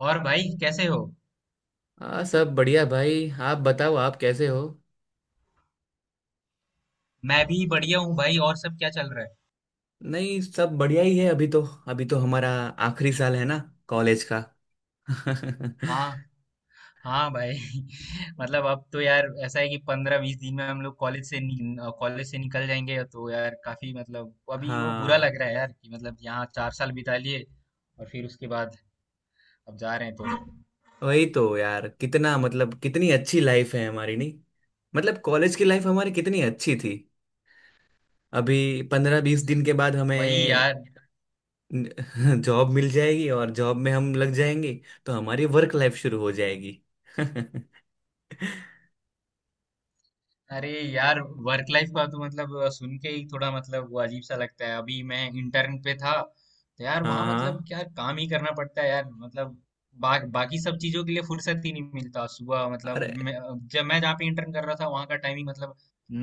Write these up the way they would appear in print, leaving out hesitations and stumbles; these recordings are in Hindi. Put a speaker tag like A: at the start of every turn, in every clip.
A: और भाई कैसे हो?
B: हाँ, सब बढ़िया भाई। आप बताओ, आप कैसे हो।
A: मैं भी बढ़िया हूँ भाई। और सब क्या चल रहा है?
B: नहीं, सब बढ़िया ही है अभी तो। अभी तो हमारा आखिरी साल है ना, कॉलेज का।
A: हाँ हाँ भाई। मतलब अब तो यार ऐसा है कि 15-20 दिन में हम लोग कॉलेज से निकल जाएंगे तो यार काफी मतलब अभी वो बुरा लग
B: हाँ
A: रहा है यार कि मतलब यहाँ 4 साल बिता लिए। और फिर उसके बाद अब जा रहे हैं तो।
B: वही तो यार, कितना मतलब कितनी अच्छी लाइफ है हमारी, नहीं। मतलब कॉलेज की लाइफ हमारी कितनी अच्छी थी। अभी 15 20 दिन के बाद
A: वही
B: हमें
A: यार।
B: जॉब मिल जाएगी और जॉब में हम लग जाएंगे। तो हमारी वर्क लाइफ शुरू हो जाएगी। हाँ
A: अरे यार, वर्क लाइफ का तो मतलब सुन के ही थोड़ा मतलब वो अजीब सा लगता है। अभी मैं इंटर्न पे था तो यार वहां मतलब
B: हाँ,
A: क्या काम ही करना पड़ता है यार मतलब। बाकी सब चीजों के लिए फुर्सत ही नहीं मिलता। सुबह मतलब
B: अरे
A: जब मैं जहाँ पे इंटर्न कर रहा था वहां का टाइमिंग मतलब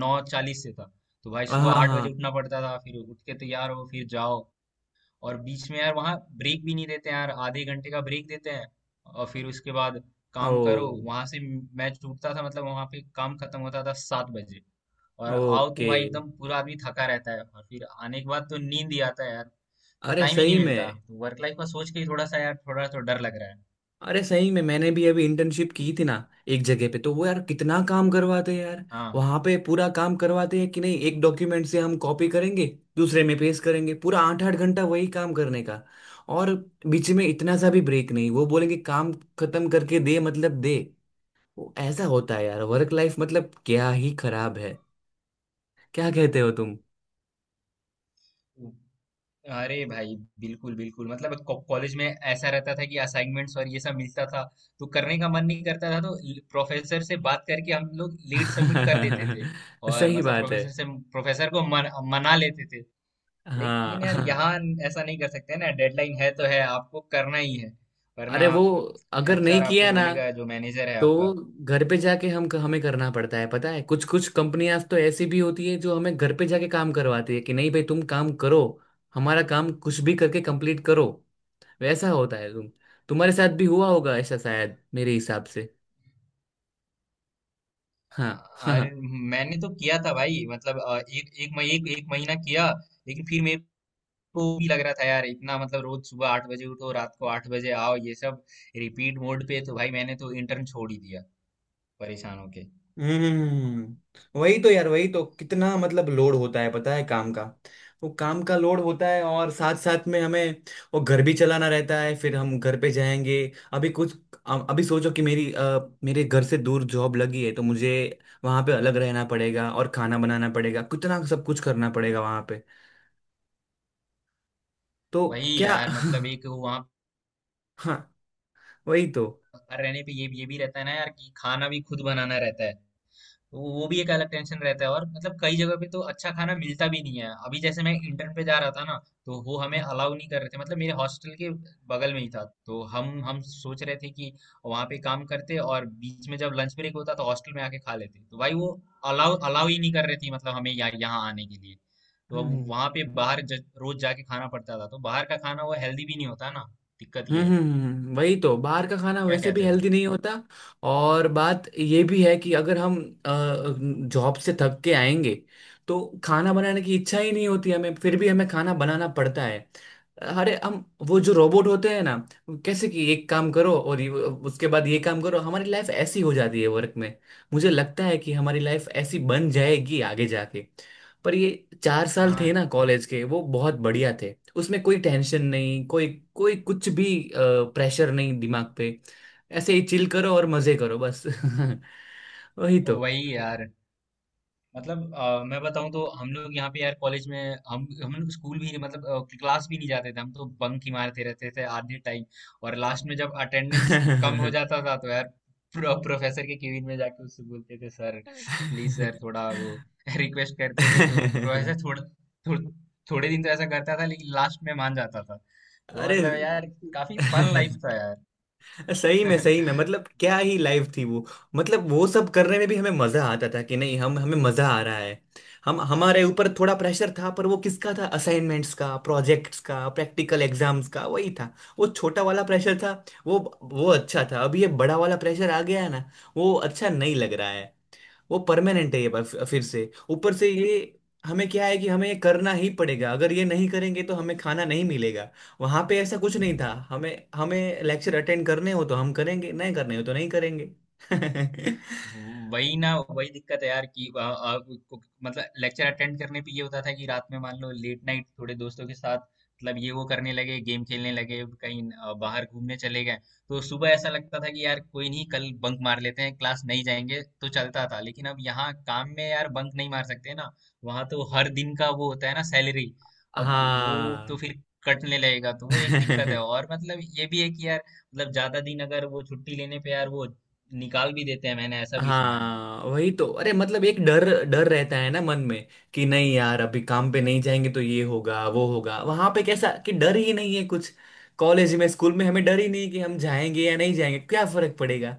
A: 9:40 से था। तो भाई सुबह
B: हाँ हाँ
A: 8 बजे
B: हाँ,
A: उठना पड़ता था, फिर उठ के तैयार हो फिर जाओ। और बीच में यार वहाँ ब्रेक भी नहीं देते यार, आधे घंटे का ब्रेक देते हैं। और फिर उसके बाद
B: ओ
A: काम करो वहां से। मैच टूटता था मतलब वहां पे काम खत्म होता था 7 बजे। और आओ तो
B: ओके।
A: भाई एकदम पूरा आदमी थका रहता है, और फिर आने के बाद तो नींद ही आता है यार। तो
B: अरे
A: टाइम ही नहीं
B: सही
A: मिलता,
B: में।
A: तो वर्क लाइफ का सोच के ही थोड़ा सा यार थोड़ा तो डर लग रहा है।
B: अरे सही में, मैंने भी अभी इंटर्नशिप की थी ना। एक जगह पे तो, वो यार, कितना काम करवाते हैं यार।
A: हाँ।
B: वहां पे पूरा काम करवाते हैं कि नहीं, एक डॉक्यूमेंट से हम कॉपी करेंगे, दूसरे में पेस्ट करेंगे, पूरा आठ 8 घंटा वही काम करने का। और बीच में इतना सा भी ब्रेक नहीं, वो बोलेंगे काम खत्म करके दे, मतलब दे। वो ऐसा होता है यार, वर्क लाइफ मतलब क्या ही खराब है, क्या कहते हो तुम।
A: अरे भाई बिल्कुल बिल्कुल, मतलब कॉलेज में ऐसा रहता था कि असाइनमेंट्स और ये सब मिलता था। तो करने का मन नहीं करता था तो प्रोफेसर से बात करके हम लोग लेट सबमिट कर देते थे। और
B: सही
A: मतलब
B: बात है।
A: प्रोफेसर से प्रोफेसर को मन, मना लेते थे।
B: हाँ
A: लेकिन यार
B: हाँ।
A: यहाँ ऐसा नहीं कर सकते ना, डेडलाइन है तो है, आपको करना ही है,
B: अरे
A: वरना
B: वो, अगर नहीं
A: एचआर आपको
B: किया ना,
A: बोलेगा, जो मैनेजर है
B: तो
A: आपका।
B: घर पे जाके हम हमें करना पड़ता है, पता है। कुछ कुछ कंपनियां तो ऐसी भी होती है जो हमें घर पे जाके काम करवाती है कि नहीं भाई, तुम काम करो, हमारा काम कुछ भी करके कंप्लीट करो। वैसा होता है, तुम्हारे साथ भी हुआ होगा ऐसा, शायद मेरे हिसाब से। हाँ।
A: अरे मैंने तो किया था भाई मतलब एक एक मही- एक, 1 महीना किया। लेकिन फिर मेरे को भी लग रहा था यार, इतना मतलब रोज सुबह 8 बजे उठो रात को 8 बजे आओ ये सब रिपीट मोड पे, तो भाई मैंने तो इंटर्न छोड़ ही दिया, परेशान होके।
B: हम्म, वही तो यार, वही तो, कितना मतलब लोड होता है, पता है, काम का। वो काम का लोड होता है और साथ साथ में हमें वो घर भी चलाना रहता है, फिर हम घर पे जाएंगे। अभी कुछ अभी सोचो कि मेरी, मेरे घर से दूर जॉब लगी है, तो मुझे वहां पे अलग रहना पड़ेगा और खाना बनाना पड़ेगा, कितना सब कुछ करना पड़ेगा वहां पे। तो
A: वही
B: क्या।
A: यार। मतलब एक वहाँ
B: हाँ वही तो।
A: पर रहने पे ये भी रहता है ना यार कि खाना भी खुद बनाना रहता है। तो वो भी एक अलग टेंशन रहता है, और मतलब कई जगह पे तो अच्छा खाना मिलता भी नहीं है। अभी जैसे मैं इंटर्न पे जा रहा था ना, तो वो हमें अलाउ नहीं कर रहे थे। मतलब मेरे हॉस्टल के बगल में ही था, तो हम सोच रहे थे कि वहाँ पे काम करते और बीच में जब लंच ब्रेक होता तो हॉस्टल में आके खा लेते। तो भाई वो अलाउ अलाउ ही नहीं कर रही थी मतलब हमें यहाँ यहाँ आने के लिए। तो अब वहाँ पे बाहर रोज जाके खाना पड़ता था, तो बाहर का खाना वो हेल्दी भी नहीं होता ना, दिक्कत ये है।
B: वही तो, बाहर का खाना
A: क्या
B: वैसे भी
A: कहते हो?
B: हेल्दी नहीं होता। और बात ये भी है कि अगर हम जॉब से थक के आएंगे, तो खाना बनाने की इच्छा ही नहीं होती हमें, फिर भी हमें खाना बनाना पड़ता है। अरे हम, वो जो रोबोट होते हैं ना, वो कैसे कि एक काम करो और उसके बाद ये काम करो, हमारी लाइफ ऐसी हो जाती है वर्क में। मुझे लगता है कि हमारी लाइफ ऐसी बन जाएगी आगे जाके। पर ये 4 साल थे
A: हाँ।
B: ना, कॉलेज के, वो बहुत बढ़िया थे। उसमें कोई टेंशन नहीं, कोई कोई कुछ भी प्रेशर नहीं दिमाग पे। ऐसे ही चिल करो और मजे करो बस। वही तो।
A: वही यार। मतलब मैं बताऊं तो हम लोग यहाँ पे यार कॉलेज में हम लोग स्कूल भी मतलब क्लास भी नहीं जाते थे। हम तो बंक ही मारते रहते थे आधे टाइम। और लास्ट में जब अटेंडेंस कम हो जाता था तो यार प्रोफेसर के केबिन में जाके उससे बोलते थे, सर प्लीज सर, थोड़ा वो रिक्वेस्ट करते थे। तो प्रोफेसर थोड़े दिन तो ऐसा करता था, लेकिन लास्ट में मान जाता था। तो
B: अरे।
A: मतलब यार काफी फन लाइफ था यार।
B: सही में सही में, मतलब क्या ही लाइफ थी वो। मतलब वो सब करने में भी हमें मजा आता था कि नहीं, हम हमें मजा आ रहा है। हम हमारे ऊपर थोड़ा प्रेशर था, पर वो किसका था, असाइनमेंट्स का, प्रोजेक्ट्स का, प्रैक्टिकल एग्जाम्स का, वही था। वो छोटा वाला प्रेशर था, वो वो अच्छा था। अभी ये बड़ा वाला प्रेशर आ गया है ना, वो अच्छा नहीं लग रहा है। वो परमानेंट है, ये बात फिर से, ऊपर से ये हमें क्या है कि हमें ये करना ही पड़ेगा, अगर ये नहीं करेंगे तो हमें खाना नहीं मिलेगा। वहां पे ऐसा कुछ नहीं था, हमें हमें लेक्चर अटेंड करने हो तो हम करेंगे, नहीं करने हो तो नहीं करेंगे।
A: वही ना, वही दिक्कत है यार कि आ, आ, को- मतलब लेक्चर अटेंड करने पे ये होता था कि रात में मान लो लेट नाइट थोड़े दोस्तों के साथ मतलब ये वो करने लगे, गेम खेलने लगे, कहीं बाहर घूमने चले गए। तो सुबह ऐसा लगता था कि यार कोई नहीं, कल बंक मार लेते हैं, क्लास नहीं जाएंगे, तो चलता था। लेकिन अब यहाँ काम में यार बंक नहीं मार सकते ना। वहां तो हर दिन का वो होता है ना, सैलरी अब वो तो
B: हाँ।
A: फिर कटने लगेगा, तो वो एक दिक्कत है। और मतलब ये भी है कि यार, मतलब ज्यादा दिन अगर वो छुट्टी लेने पे यार वो निकाल भी देते हैं, मैंने ऐसा भी सुना है।
B: हाँ वही तो। अरे मतलब, एक डर डर रहता है ना मन में, कि नहीं यार, अभी काम पे नहीं जाएंगे तो ये होगा वो होगा। वहां पे कैसा कि डर ही नहीं है कुछ, कॉलेज में, स्कूल में। हमें डर ही नहीं कि हम जाएंगे या नहीं जाएंगे, क्या फर्क पड़ेगा।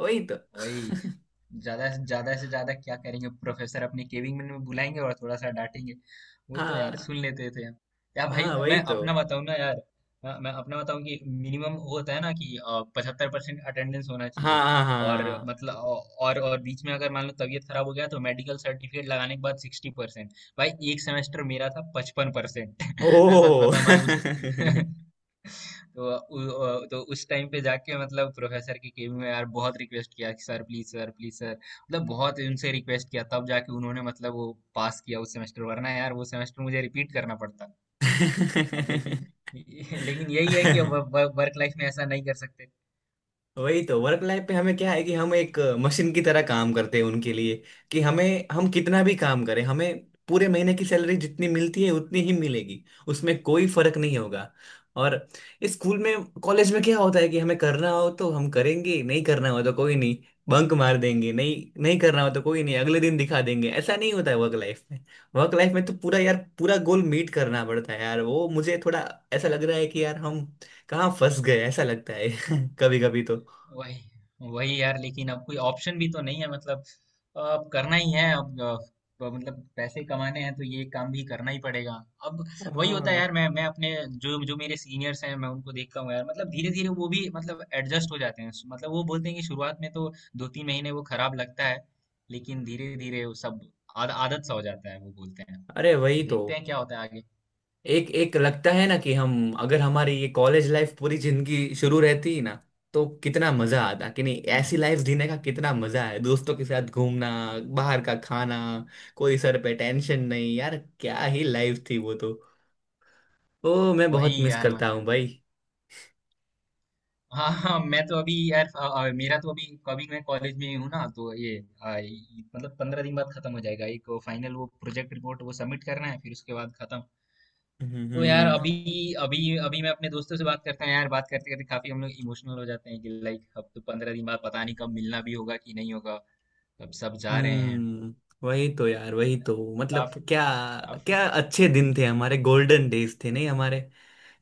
B: वही तो।
A: वही। ज्यादा से ज्यादा क्या करेंगे? प्रोफेसर अपने केबिन में बुलाएंगे और थोड़ा सा डांटेंगे। वो तो यार
B: हाँ
A: सुन लेते थे। या भाई
B: हाँ वही
A: मैं
B: तो।
A: अपना बताऊं ना यार। मैं अपना बताऊं कि मिनिमम होता है ना कि 75% अटेंडेंस होना
B: हाँ
A: चाहिए।
B: हाँ हाँ हाँ
A: और
B: हाँ।
A: मतलब और बीच में अगर मान लो तबीयत खराब हो गया तो मेडिकल सर्टिफिकेट लगाने के बाद 60%। भाई एक सेमेस्टर मेरा था 55%। मैं सच
B: ओह।
A: बताऊं भाई उस तो उ, तो उस टाइम पे जाके मतलब प्रोफेसर की केबिन में यार बहुत रिक्वेस्ट किया कि sir please sir please sir, मतलब बहुत उनसे रिक्वेस्ट किया, तब जाके उन्होंने मतलब वो पास किया उस सेमेस्टर। वरना यार वो सेमेस्टर मुझे रिपीट करना पड़ता। अब लेकिन लेकिन यही है
B: है।
A: कि अब वर्क लाइफ में ऐसा नहीं कर सकते।
B: वही तो, वर्क लाइफ पे हमें क्या है कि हम एक मशीन की तरह काम करते हैं उनके लिए। कि हमें, हम कितना भी काम करें, हमें पूरे महीने की सैलरी जितनी मिलती है उतनी ही मिलेगी, उसमें कोई फर्क नहीं होगा। और स्कूल में, कॉलेज में क्या होता है कि हमें करना हो तो हम करेंगे, नहीं करना हो तो कोई नहीं, बंक मार देंगे। नहीं नहीं करना हो तो कोई नहीं, अगले दिन दिखा देंगे। ऐसा नहीं होता है वर्क लाइफ में। वर्क लाइफ में तो पूरा यार, पूरा गोल मीट करना पड़ता है यार, वो मुझे थोड़ा ऐसा लग रहा है कि यार हम कहाँ फंस गए, ऐसा लगता है कभी कभी तो।
A: वही। वही यार, लेकिन अब कोई ऑप्शन भी तो नहीं है। मतलब अब करना ही है अब। तो मतलब पैसे कमाने हैं तो ये काम भी करना ही पड़ेगा अब। वही होता है
B: हाँ
A: यार। मैं अपने, जो जो मेरे सीनियर्स हैं मैं उनको देखता हूँ यार, मतलब धीरे धीरे वो भी मतलब एडजस्ट हो जाते हैं। मतलब वो बोलते हैं कि शुरुआत में तो 2-3 महीने वो खराब लगता है, लेकिन धीरे धीरे वो सब आदत सा हो जाता है, वो बोलते हैं।
B: अरे
A: तो
B: वही तो,
A: देखते हैं क्या होता है आगे।
B: एक एक लगता है ना कि हम, अगर हमारी ये कॉलेज लाइफ पूरी जिंदगी शुरू रहती ना, तो कितना मजा आता, कि नहीं।
A: हम्म।
B: ऐसी लाइफ जीने का कितना मजा है, दोस्तों के साथ घूमना, बाहर का खाना, कोई सर पे टेंशन नहीं यार, क्या ही लाइफ थी वो तो। ओ, मैं बहुत
A: वही
B: मिस
A: यार
B: करता
A: मतलब।
B: हूँ भाई।
A: हाँ हाँ मैं तो अभी यार मेरा तो अभी, अभी मैं कॉलेज में ही हूँ ना, तो ये मतलब 15 दिन बाद खत्म हो जाएगा, एक फाइनल वो प्रोजेक्ट रिपोर्ट वो सबमिट करना है, फिर उसके बाद खत्म।
B: हम्म
A: तो
B: हम्म
A: यार
B: हम्म,
A: अभी अभी अभी मैं अपने दोस्तों से बात करता हूँ यार। बात करते करते काफी हम लोग इमोशनल हो जाते हैं कि लाइक अब तो 15 दिन बाद पता नहीं कब मिलना भी होगा कि नहीं होगा, कब सब जा रहे हैं।
B: हम्म, वही तो यार, वही तो, मतलब
A: काफी
B: क्या,
A: काफी
B: क्या अच्छे दिन थे हमारे, गोल्डन डेज थे नहीं हमारे,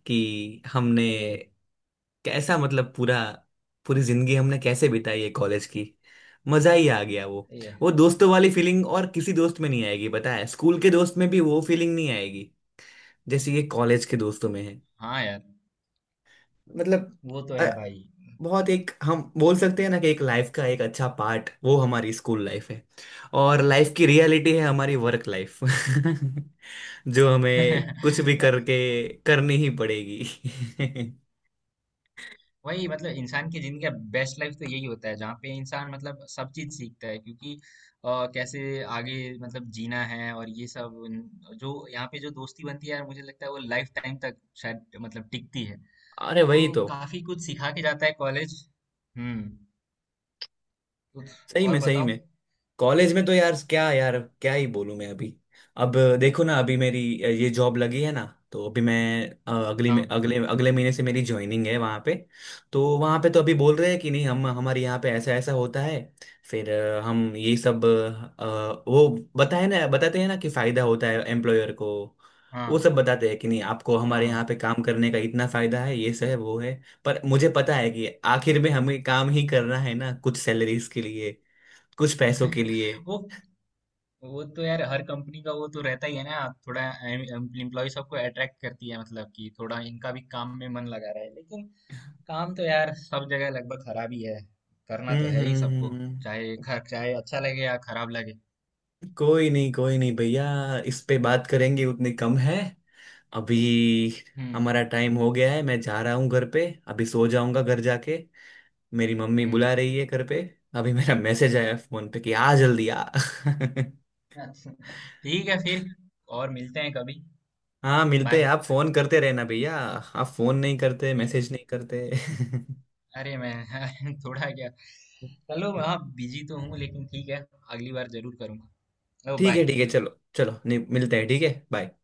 B: कि हमने
A: ये
B: कैसा, मतलब पूरा, पूरी जिंदगी हमने कैसे बिताई है कॉलेज की, मजा ही आ गया वो।
A: ये
B: वो दोस्तों वाली फीलिंग और किसी दोस्त में नहीं आएगी, पता है, स्कूल के दोस्त में भी वो फीलिंग नहीं आएगी, जैसे ये कॉलेज के दोस्तों में है।
A: हाँ यार
B: मतलब
A: वो तो
B: अ,
A: है भाई।
B: बहुत, एक हम बोल सकते हैं ना, कि एक लाइफ का एक अच्छा पार्ट वो हमारी स्कूल लाइफ है। और लाइफ की रियलिटी है हमारी वर्क लाइफ, जो हमें कुछ भी
A: ना,
B: करके करनी ही पड़ेगी।
A: वही मतलब इंसान की जिंदगी का बेस्ट लाइफ तो यही होता है, जहाँ पे इंसान मतलब सब चीज सीखता है। क्योंकि अ, कैसे आगे मतलब जीना है और ये सब। जो यहाँ पे जो दोस्ती बनती है यार, मुझे लगता है वो लाइफ टाइम तक शायद मतलब टिकती है।
B: अरे वही
A: तो
B: तो।
A: काफी कुछ सिखा के जाता है कॉलेज। हम्म। कुछ
B: सही
A: और
B: में सही
A: बताओ।
B: में। कॉलेज में तो यार, क्या यार, क्या ही बोलूं मैं अभी। अब देखो ना, अभी मेरी ये जॉब लगी है ना, तो अभी मैं, अगली में
A: हाँ
B: अगले अगले महीने से मेरी ज्वाइनिंग है वहाँ पे। तो वहाँ पे तो अभी बोल रहे हैं कि नहीं, हम हमारे यहाँ पे ऐसा ऐसा होता है। फिर हम ये सब, वो बताए ना बताते हैं ना, कि फायदा होता है एम्प्लॉयर को। वो
A: हाँ
B: सब बताते हैं कि नहीं, आपको
A: हाँ
B: हमारे
A: हाँ।
B: यहाँ पे काम करने का इतना फायदा है, ये सब है वो है। पर मुझे पता है कि आखिर में हमें काम ही करना है ना, कुछ सैलरीज के लिए, कुछ पैसों के लिए।
A: वो वो तो यार हर कंपनी का वो तो रहता ही है ना, थोड़ा एम्प्लॉय सबको अट्रैक्ट करती है मतलब कि थोड़ा इनका भी काम में मन लगा रहा है। लेकिन काम तो यार सब जगह लगभग खराब ही है, करना
B: हम्म
A: तो है ही
B: हम्म,
A: सबको, चाहे
B: हम्म।
A: चाहे अच्छा लगे या खराब लगे।
B: कोई नहीं भैया, इस पे बात करेंगे उतनी कम है। अभी
A: हम्म
B: हमारा टाइम हो गया है, मैं जा रहा हूँ घर पे, अभी सो जाऊंगा घर जाके। मेरी मम्मी
A: हम्म।
B: बुला रही है घर पे, अभी मेरा मैसेज आया फोन पे, कि आ, जल्दी आ।
A: अच्छा, ठीक है फिर। और मिलते हैं कभी।
B: हाँ, मिलते हैं।
A: बाय।
B: आप फोन करते रहना भैया, आप फोन नहीं करते,
A: ठीक है।
B: मैसेज नहीं करते।
A: अरे मैं थोड़ा क्या, चलो हाँ बिजी तो हूँ लेकिन ठीक है, अगली बार जरूर करूंगा। ओ
B: ठीक है
A: बाय।
B: ठीक है, चलो चलो, नहीं मिलते हैं, ठीक है, बाय।